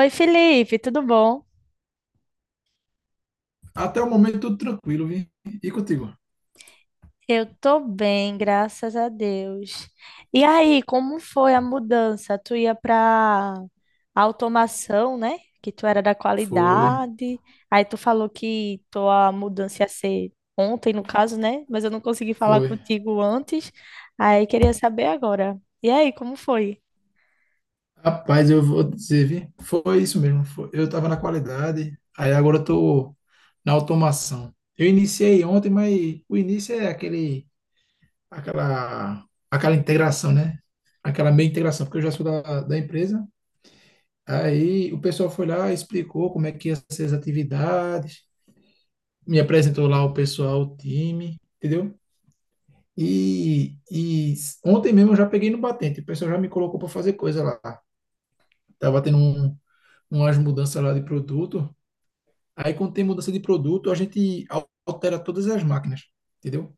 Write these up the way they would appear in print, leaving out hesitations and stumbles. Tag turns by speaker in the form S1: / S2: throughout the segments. S1: Oi, Felipe, tudo bom?
S2: Até o momento, tudo tranquilo, vi? E contigo?
S1: Eu tô bem, graças a Deus. E aí, como foi a mudança? Tu ia para automação, né? Que tu era da
S2: Foi,
S1: qualidade. Aí tu falou que tua mudança ia ser ontem, no caso, né? Mas eu não consegui falar
S2: foi.
S1: contigo antes. Aí queria saber agora. E aí, como foi?
S2: Rapaz, eu vou dizer, vi? Foi isso mesmo. Foi. Eu estava na qualidade, aí agora eu tô na automação. Eu iniciei ontem, mas o início é aquele, aquela integração, né? Aquela meia integração, porque eu já sou da empresa. Aí o pessoal foi lá, explicou como é que ia ser as atividades, me apresentou lá o pessoal, o time, entendeu? E ontem mesmo eu já peguei no batente, o pessoal já me colocou para fazer coisa lá. Tava tendo umas mudanças lá de produto. Aí, quando tem mudança de produto, a gente altera todas as máquinas, entendeu?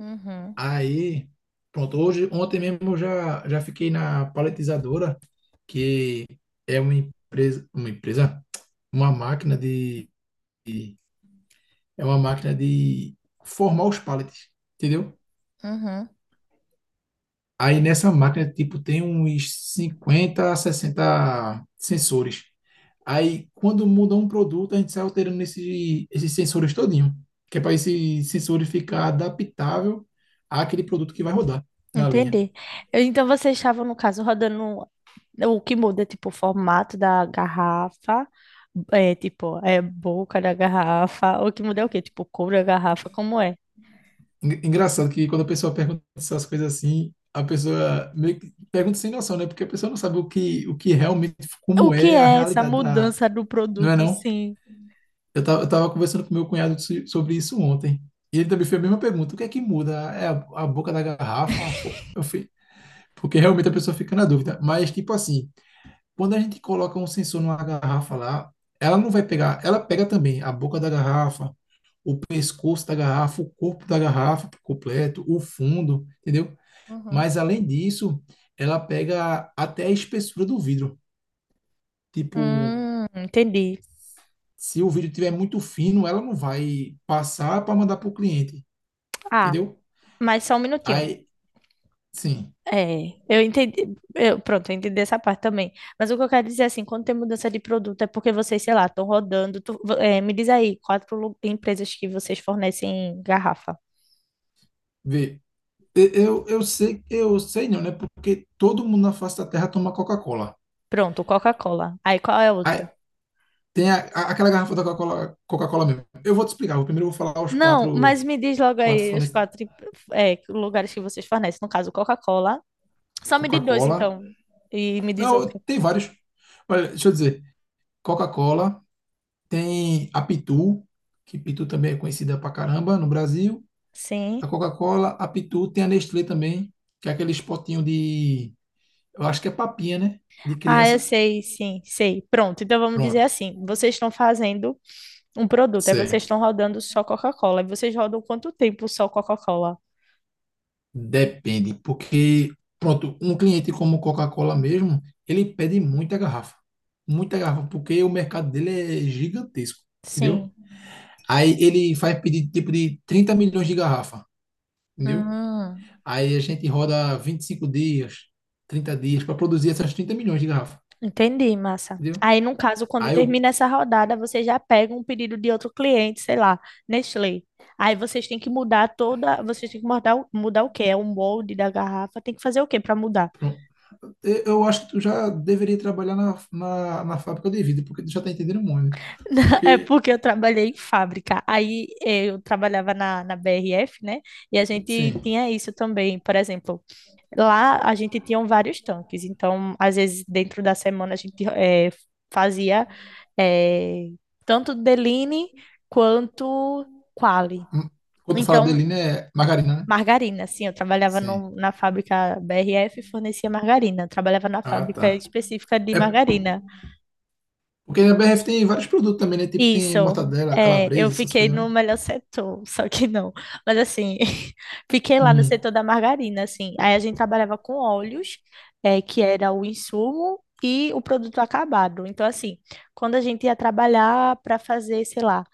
S1: Uhum,
S2: Aí, pronto, hoje, ontem mesmo eu já fiquei na paletizadora, que é uma empresa, uma empresa, uma máquina de- é uma máquina de formar os paletes, entendeu?
S1: uhum.
S2: Aí, nessa máquina, tipo, tem uns 50, a 60 sensores. Aí, quando muda um produto, a gente sai alterando esses sensores todinho, que é para esse sensor ficar adaptável àquele produto que vai rodar na linha.
S1: Entendi. Então vocês estavam, no caso, rodando. O que muda é, tipo, o formato da garrafa, é, tipo, é boca da garrafa. O que muda é o quê? Tipo, cor da garrafa, como é?
S2: Engraçado que, quando a pessoa pergunta essas coisas assim, a pessoa meio que pergunta sem noção, né? Porque a pessoa não sabe o que realmente,
S1: O
S2: como
S1: que
S2: é a
S1: é essa
S2: realidade da...
S1: mudança do
S2: Não é
S1: produto,
S2: não?
S1: sim?
S2: Eu tava conversando com meu cunhado sobre isso ontem. E ele também fez a mesma pergunta: o que é que muda? É a boca da garrafa? Eu fui, porque realmente a pessoa fica na dúvida. Mas, tipo assim, quando a gente coloca um sensor numa garrafa lá, ela não vai pegar, ela pega também a boca da garrafa, o pescoço da garrafa, o corpo da garrafa por completo, o fundo, entendeu?
S1: Uhum.
S2: Mas, além disso, ela pega até a espessura do vidro. Tipo,
S1: Entendi.
S2: se o vidro tiver muito fino, ela não vai passar para mandar para o cliente.
S1: Ah,
S2: Entendeu?
S1: mas só um minutinho.
S2: Aí, sim,
S1: É, eu entendi. Pronto, eu entendi essa parte também. Mas o que eu quero dizer é assim, quando tem mudança de produto é porque vocês, sei lá, estão rodando. Me diz aí, quatro empresas que vocês fornecem garrafa.
S2: vê. Eu sei, eu sei não, né? Porque todo mundo na face da Terra toma Coca-Cola.
S1: Pronto, Coca-Cola. Aí qual é a outra?
S2: Aí tem aquela garrafa da Coca-Cola, Coca-Cola mesmo. Eu vou te explicar. Eu primeiro vou falar os
S1: Não,
S2: quatro,
S1: mas me diz logo
S2: quatro
S1: aí os
S2: fornecedores.
S1: quatro, lugares que vocês fornecem. No caso, Coca-Cola. Só me diz dois,
S2: Coca-Cola.
S1: então. E me diz outro.
S2: Não, tem vários. Olha, deixa eu dizer. Coca-Cola, tem a Pitu, que Pitu também é conhecida pra caramba no Brasil.
S1: Sim.
S2: A Coca-Cola, a Pitu, tem a Nestlé também, que é aquele potinho de, eu acho que é papinha, né? De
S1: Ah, eu
S2: criança.
S1: sei, sim, sei. Pronto, então vamos dizer
S2: Pronto.
S1: assim: vocês estão fazendo. Um produto, aí vocês
S2: Certo.
S1: estão rodando só Coca-Cola. E vocês rodam quanto tempo só Coca-Cola?
S2: Depende, porque, pronto, um cliente como Coca-Cola mesmo, ele pede muita garrafa. Muita garrafa, porque o mercado dele é gigantesco, entendeu?
S1: Sim.
S2: Aí ele faz pedido tipo de 30 milhões de garrafa, entendeu?
S1: Hum,
S2: Aí a gente roda 25 dias, 30 dias para produzir essas 30 milhões de garrafa,
S1: entendi, massa.
S2: entendeu?
S1: Aí, no caso, quando
S2: Aí eu,
S1: termina essa rodada, vocês já pegam um pedido de outro cliente, sei lá, Nestlé. Aí vocês têm que mudar toda. Vocês têm que mudar, mudar o quê? É o molde da garrafa. Tem que fazer o quê para mudar?
S2: pronto, eu acho que tu já deveria trabalhar na fábrica de vidro, porque tu já tá entendendo muito, né?
S1: É
S2: Porque,
S1: porque eu trabalhei em fábrica. Aí eu trabalhava na BRF, né? E a gente
S2: sim.
S1: tinha isso também. Por exemplo, lá a gente tinha um vários tanques, então às vezes dentro da semana a gente fazia eh, tanto Deline quanto Quali.
S2: Hum. Quando tu fala
S1: Então,
S2: dele, né? Margarina, né?
S1: margarina, sim, eu trabalhava
S2: Sim.
S1: na fábrica BRF e fornecia margarina, eu trabalhava na
S2: Ah,
S1: fábrica
S2: tá.
S1: específica de
S2: É
S1: margarina.
S2: porque a BRF tem vários produtos também, né? Tipo, tem
S1: Isso,
S2: mortadela,
S1: é, eu
S2: calabresa, essas
S1: fiquei
S2: coisas,
S1: no
S2: né?
S1: melhor setor, só que não. Mas assim, fiquei lá no
S2: Uhum.
S1: setor da margarina, assim. Aí a gente trabalhava com óleos, é, que era o insumo e o produto acabado. Então, assim, quando a gente ia trabalhar para fazer, sei lá,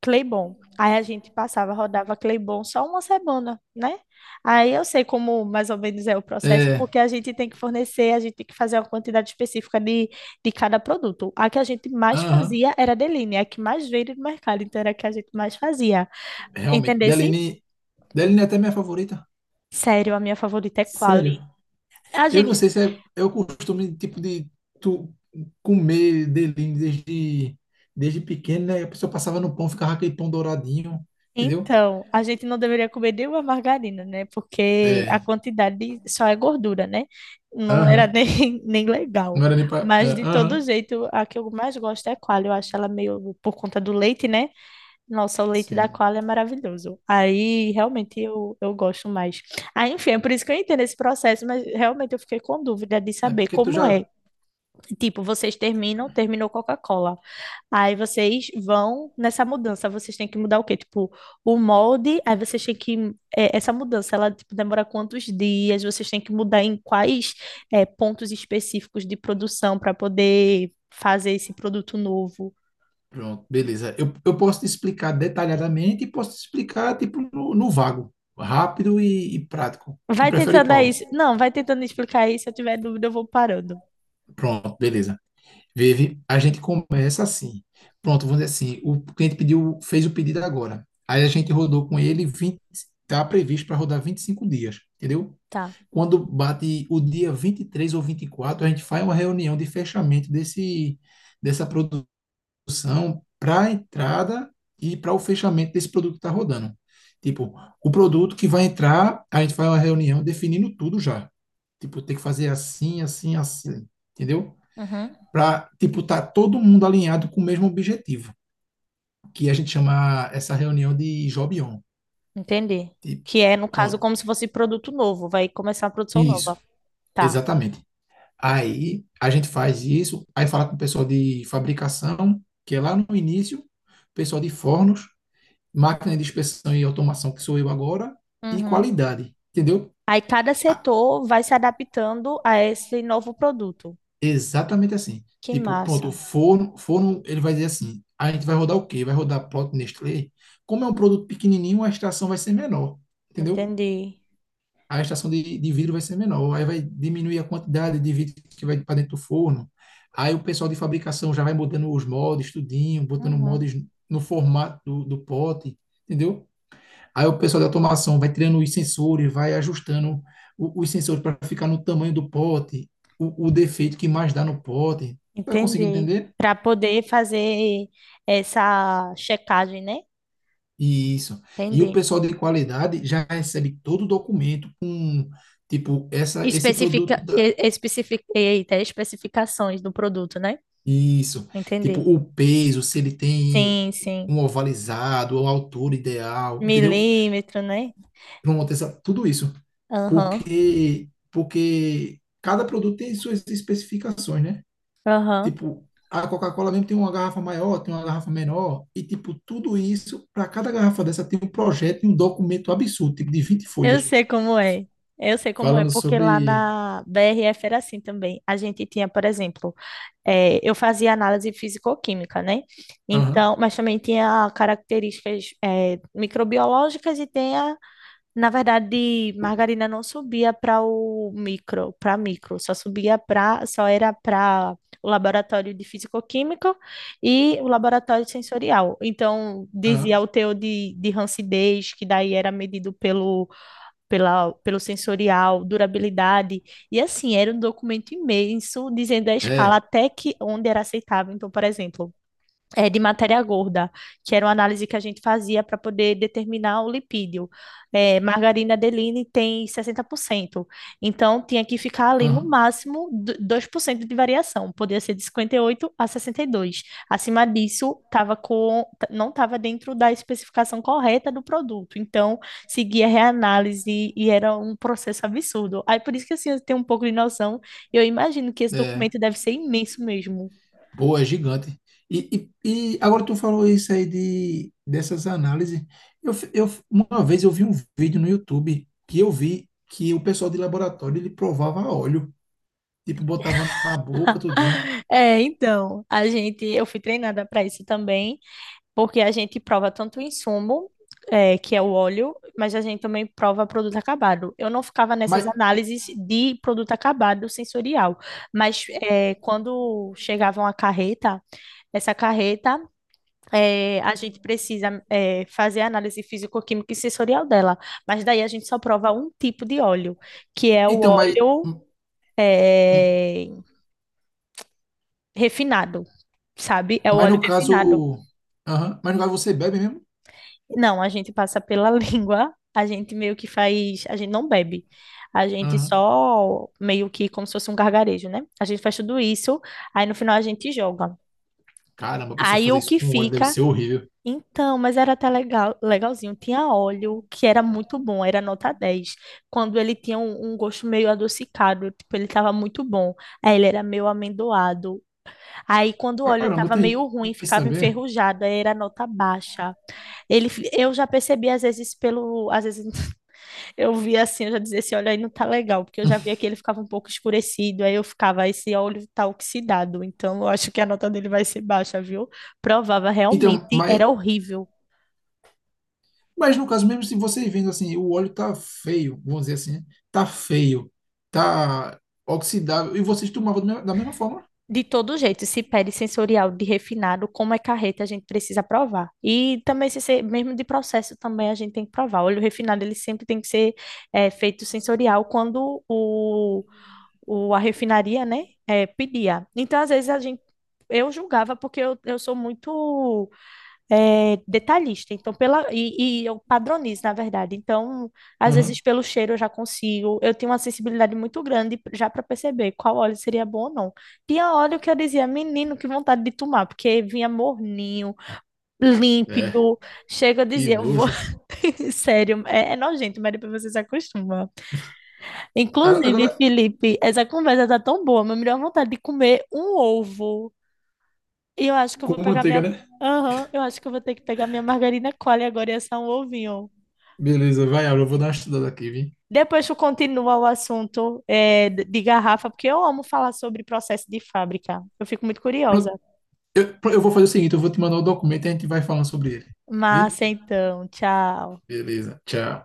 S1: Claybon. Aí a gente passava, rodava Claybon só uma semana, né? Aí eu sei como mais ou menos é o processo,
S2: É.
S1: porque a gente tem que fornecer, a gente tem que fazer uma quantidade específica de cada produto. A que a gente mais
S2: Aham.
S1: fazia era a Deline, a que mais veio do mercado, então era a que a gente mais fazia.
S2: Realmente.
S1: Entendesse?
S2: Deline. Deline é até minha favorita.
S1: Sério, a minha favorita é Quali.
S2: Sério.
S1: A
S2: Eu não
S1: gente
S2: sei se é o costume, tipo, de tu comer Deline desde pequeno, né? A pessoa passava no pão, ficava aquele pão douradinho, entendeu?
S1: então, a gente não deveria comer nenhuma margarina, né? Porque a
S2: É.
S1: quantidade só é gordura, né? Não era
S2: Aham.
S1: nem, nem legal.
S2: Não era nem pra. É,
S1: Mas, de todo
S2: aham.
S1: jeito, a que eu mais gosto é a Qualy. Eu acho ela meio por conta do leite, né? Nossa, o leite da
S2: Sim.
S1: Qualy é maravilhoso. Aí, realmente, eu gosto mais. Aí, enfim, é por isso que eu entendo esse processo, mas realmente eu fiquei com dúvida de
S2: É
S1: saber
S2: porque tu
S1: como
S2: já.
S1: é. Tipo, vocês terminam, terminou Coca-Cola. Aí vocês vão nessa mudança, vocês têm que mudar o quê? Tipo, o molde, aí vocês têm que. É, essa mudança, ela tipo, demora quantos dias? Vocês têm que mudar em quais é, pontos específicos de produção para poder fazer esse produto novo.
S2: Pronto, beleza. Eu posso te explicar detalhadamente e posso te explicar, tipo, no vago, rápido e prático. Tu
S1: Vai
S2: prefere
S1: tentando aí.
S2: qual?
S1: Não, vai tentando explicar aí. Se eu tiver dúvida, eu vou parando.
S2: Pronto, beleza. Vive, a gente começa assim. Pronto, vamos dizer assim, o cliente pediu, fez o pedido agora. Aí a gente rodou com ele 20, tá previsto para rodar 25 dias, entendeu?
S1: Tá.
S2: Quando bate o dia 23 ou 24, a gente faz uma reunião de fechamento dessa produção para a entrada e para o fechamento desse produto que está rodando. Tipo, o produto que vai entrar, a gente faz uma reunião definindo tudo já. Tipo, tem que fazer assim, assim, assim, entendeu?
S1: Uhum.
S2: Para, tipo, tá todo mundo alinhado com o mesmo objetivo, que a gente chama essa reunião de job on.
S1: Entendi.
S2: Tipo,
S1: Que é, no caso,
S2: pronto.
S1: como se fosse produto novo, vai começar a produção
S2: Isso,
S1: nova. Tá.
S2: exatamente. Aí a gente faz isso, aí fala com o pessoal de fabricação, que é lá no início, pessoal de fornos, máquina de inspeção e automação, que sou eu agora, e
S1: Uhum.
S2: qualidade, entendeu?
S1: Aí cada
S2: Ah,
S1: setor vai se adaptando a esse novo produto.
S2: exatamente assim.
S1: Que
S2: Tipo, pronto,
S1: massa.
S2: o forno, ele vai dizer assim, a gente vai rodar o quê? Vai rodar produto Nestlé? Como é um produto pequenininho, a extração vai ser menor, entendeu?
S1: Entendi.
S2: A extração de vidro vai ser menor, aí vai diminuir a quantidade de vidro que vai para dentro do forno. Aí o pessoal de fabricação já vai mudando os moldes, tudinho, botando
S1: Uhum.
S2: moldes no formato do pote, entendeu? Aí o pessoal da automação vai tirando os sensores, vai ajustando os sensores para ficar no tamanho do pote, o defeito que mais dá no pote. Vai conseguir
S1: Entendi.
S2: entender?
S1: Para poder fazer essa checagem, né?
S2: Isso. E o
S1: Entendi.
S2: pessoal de qualidade já recebe todo o documento com, tipo, esse produto
S1: Especifica,
S2: da.
S1: e- especific, eita, Especificações do produto, né?
S2: Isso. Tipo,
S1: Entendi.
S2: o peso, se ele tem
S1: Sim, sim.
S2: um ovalizado, a altura ideal, entendeu?
S1: Milímetro, né?
S2: Pronto, tudo isso.
S1: Aham,
S2: Porque cada produto tem suas especificações, né?
S1: aham.
S2: Tipo, a Coca-Cola mesmo tem uma garrafa maior, tem uma garrafa menor, e tipo, tudo isso, para cada garrafa dessa tem um projeto e um documento absurdo, tipo de 20
S1: Eu
S2: folhas,
S1: sei como é. Eu sei como é,
S2: falando
S1: porque lá
S2: sobre.
S1: na BRF era assim também. A gente tinha, por exemplo, eu fazia análise físico-química, né?
S2: Aham,
S1: Então, mas também tinha características, microbiológicas e tinha, na verdade, margarina não subia para o micro, para micro, só subia para, só era para o laboratório de físico-química e o laboratório sensorial. Então, dizia
S2: aham,
S1: o teor de rancidez, que daí era medido pelo sensorial, durabilidade. E assim, era um documento imenso, dizendo a escala
S2: é,
S1: até que onde era aceitável. Então, por exemplo, é, de matéria gorda, que era uma análise que a gente fazia para poder determinar o lipídio. É, margarina Adeline tem 60%, então tinha que ficar ali no
S2: aham,
S1: máximo 2% de variação, podia ser de 58 a 62. Acima disso, tava com, não estava dentro da especificação correta do produto, então seguia reanálise e era um processo absurdo. Aí por isso que assim, eu tenho um pouco de noção, eu imagino que esse
S2: é.
S1: documento deve ser imenso mesmo.
S2: Pô, é gigante. E agora tu falou isso aí dessas análises. Uma vez eu vi um vídeo no YouTube que eu vi que o pessoal de laboratório, ele provava óleo, tipo, botava na boca, tudinho.
S1: É, então, a gente, eu fui treinada para isso também, porque a gente prova tanto o insumo, é, que é o óleo, mas a gente também prova produto acabado. Eu não ficava nessas
S2: Mas,
S1: análises de produto acabado sensorial, mas é, quando chegava uma carreta, essa carreta, é, a gente precisa é, fazer a análise físico-química e sensorial dela, mas daí a gente só prova um tipo de óleo, que é o
S2: então, mas.
S1: óleo é, refinado. Sabe? É o
S2: Mas
S1: óleo
S2: no
S1: refinado.
S2: caso. Aham, mas no caso você bebe mesmo?
S1: Não, a gente passa pela língua, a gente meio que faz, a gente não bebe, a gente
S2: Aham.
S1: só meio que como se fosse um gargarejo, né? A gente faz tudo isso, aí no final a gente joga.
S2: Caramba, a pessoa
S1: Aí
S2: fazer
S1: o
S2: isso
S1: que
S2: com óleo deve
S1: fica,
S2: ser horrível.
S1: então, mas era até legal, legalzinho, tinha óleo, que era muito bom, era nota 10. Quando ele tinha um, um gosto meio adocicado, tipo, ele tava muito bom, aí ele era meio amendoado. Aí, quando o óleo
S2: Caramba,
S1: estava
S2: tem
S1: meio ruim,
S2: isso
S1: ficava
S2: também.
S1: enferrujado, aí era nota baixa. Ele, eu já percebi, às vezes, pelo. Às vezes eu via assim, eu já dizia, esse óleo aí não tá legal, porque eu já via que ele ficava um pouco escurecido, aí eu ficava, esse óleo tá oxidado, então eu acho que a nota dele vai ser baixa, viu? Provava,
S2: Então,
S1: realmente
S2: mas,
S1: era horrível.
S2: mas no caso, mesmo se você vendo assim, o óleo tá feio, vamos dizer assim, né? Tá feio, tá oxidável, e vocês tomavam da mesma forma.
S1: De todo jeito, se pede sensorial de refinado, como é carreta, a gente precisa provar. E também, se ser, mesmo de processo, também a gente tem que provar. O óleo refinado, ele sempre tem que ser é, feito sensorial quando a refinaria, né, é, pedia. Então, às vezes, a gente, eu julgava, porque eu sou muito é, detalhista, então pela e eu padronizo, na verdade. Então, às
S2: Aham.
S1: vezes pelo cheiro eu já consigo. Eu tenho uma sensibilidade muito grande já para perceber qual óleo seria bom ou não. Tinha óleo que eu dizia, menino, que vontade de tomar, porque vinha morninho,
S2: É,
S1: límpido. Chega, eu
S2: que
S1: dizia, eu vou.
S2: nojo.
S1: Sério, é nojento, mas depois você se acostuma. Inclusive,
S2: Agora,
S1: Felipe, essa conversa tá tão boa, mas me deu vontade de comer um ovo. E eu acho que eu vou
S2: com
S1: pegar
S2: manteiga,
S1: minha.
S2: né?
S1: Aham, eu acho que eu vou ter que pegar minha margarina Qualy agora e assar um ovinho.
S2: Beleza, vai, Aura, eu vou dar uma estudada aqui, vi?
S1: Depois tu continua o assunto é, de garrafa, porque eu amo falar sobre processo de fábrica. Eu fico muito curiosa.
S2: Pronto, eu, eu vou fazer o seguinte, eu vou te mandar o documento e a gente vai falando sobre ele. Vi?
S1: Massa, então, tchau.
S2: Beleza, tchau.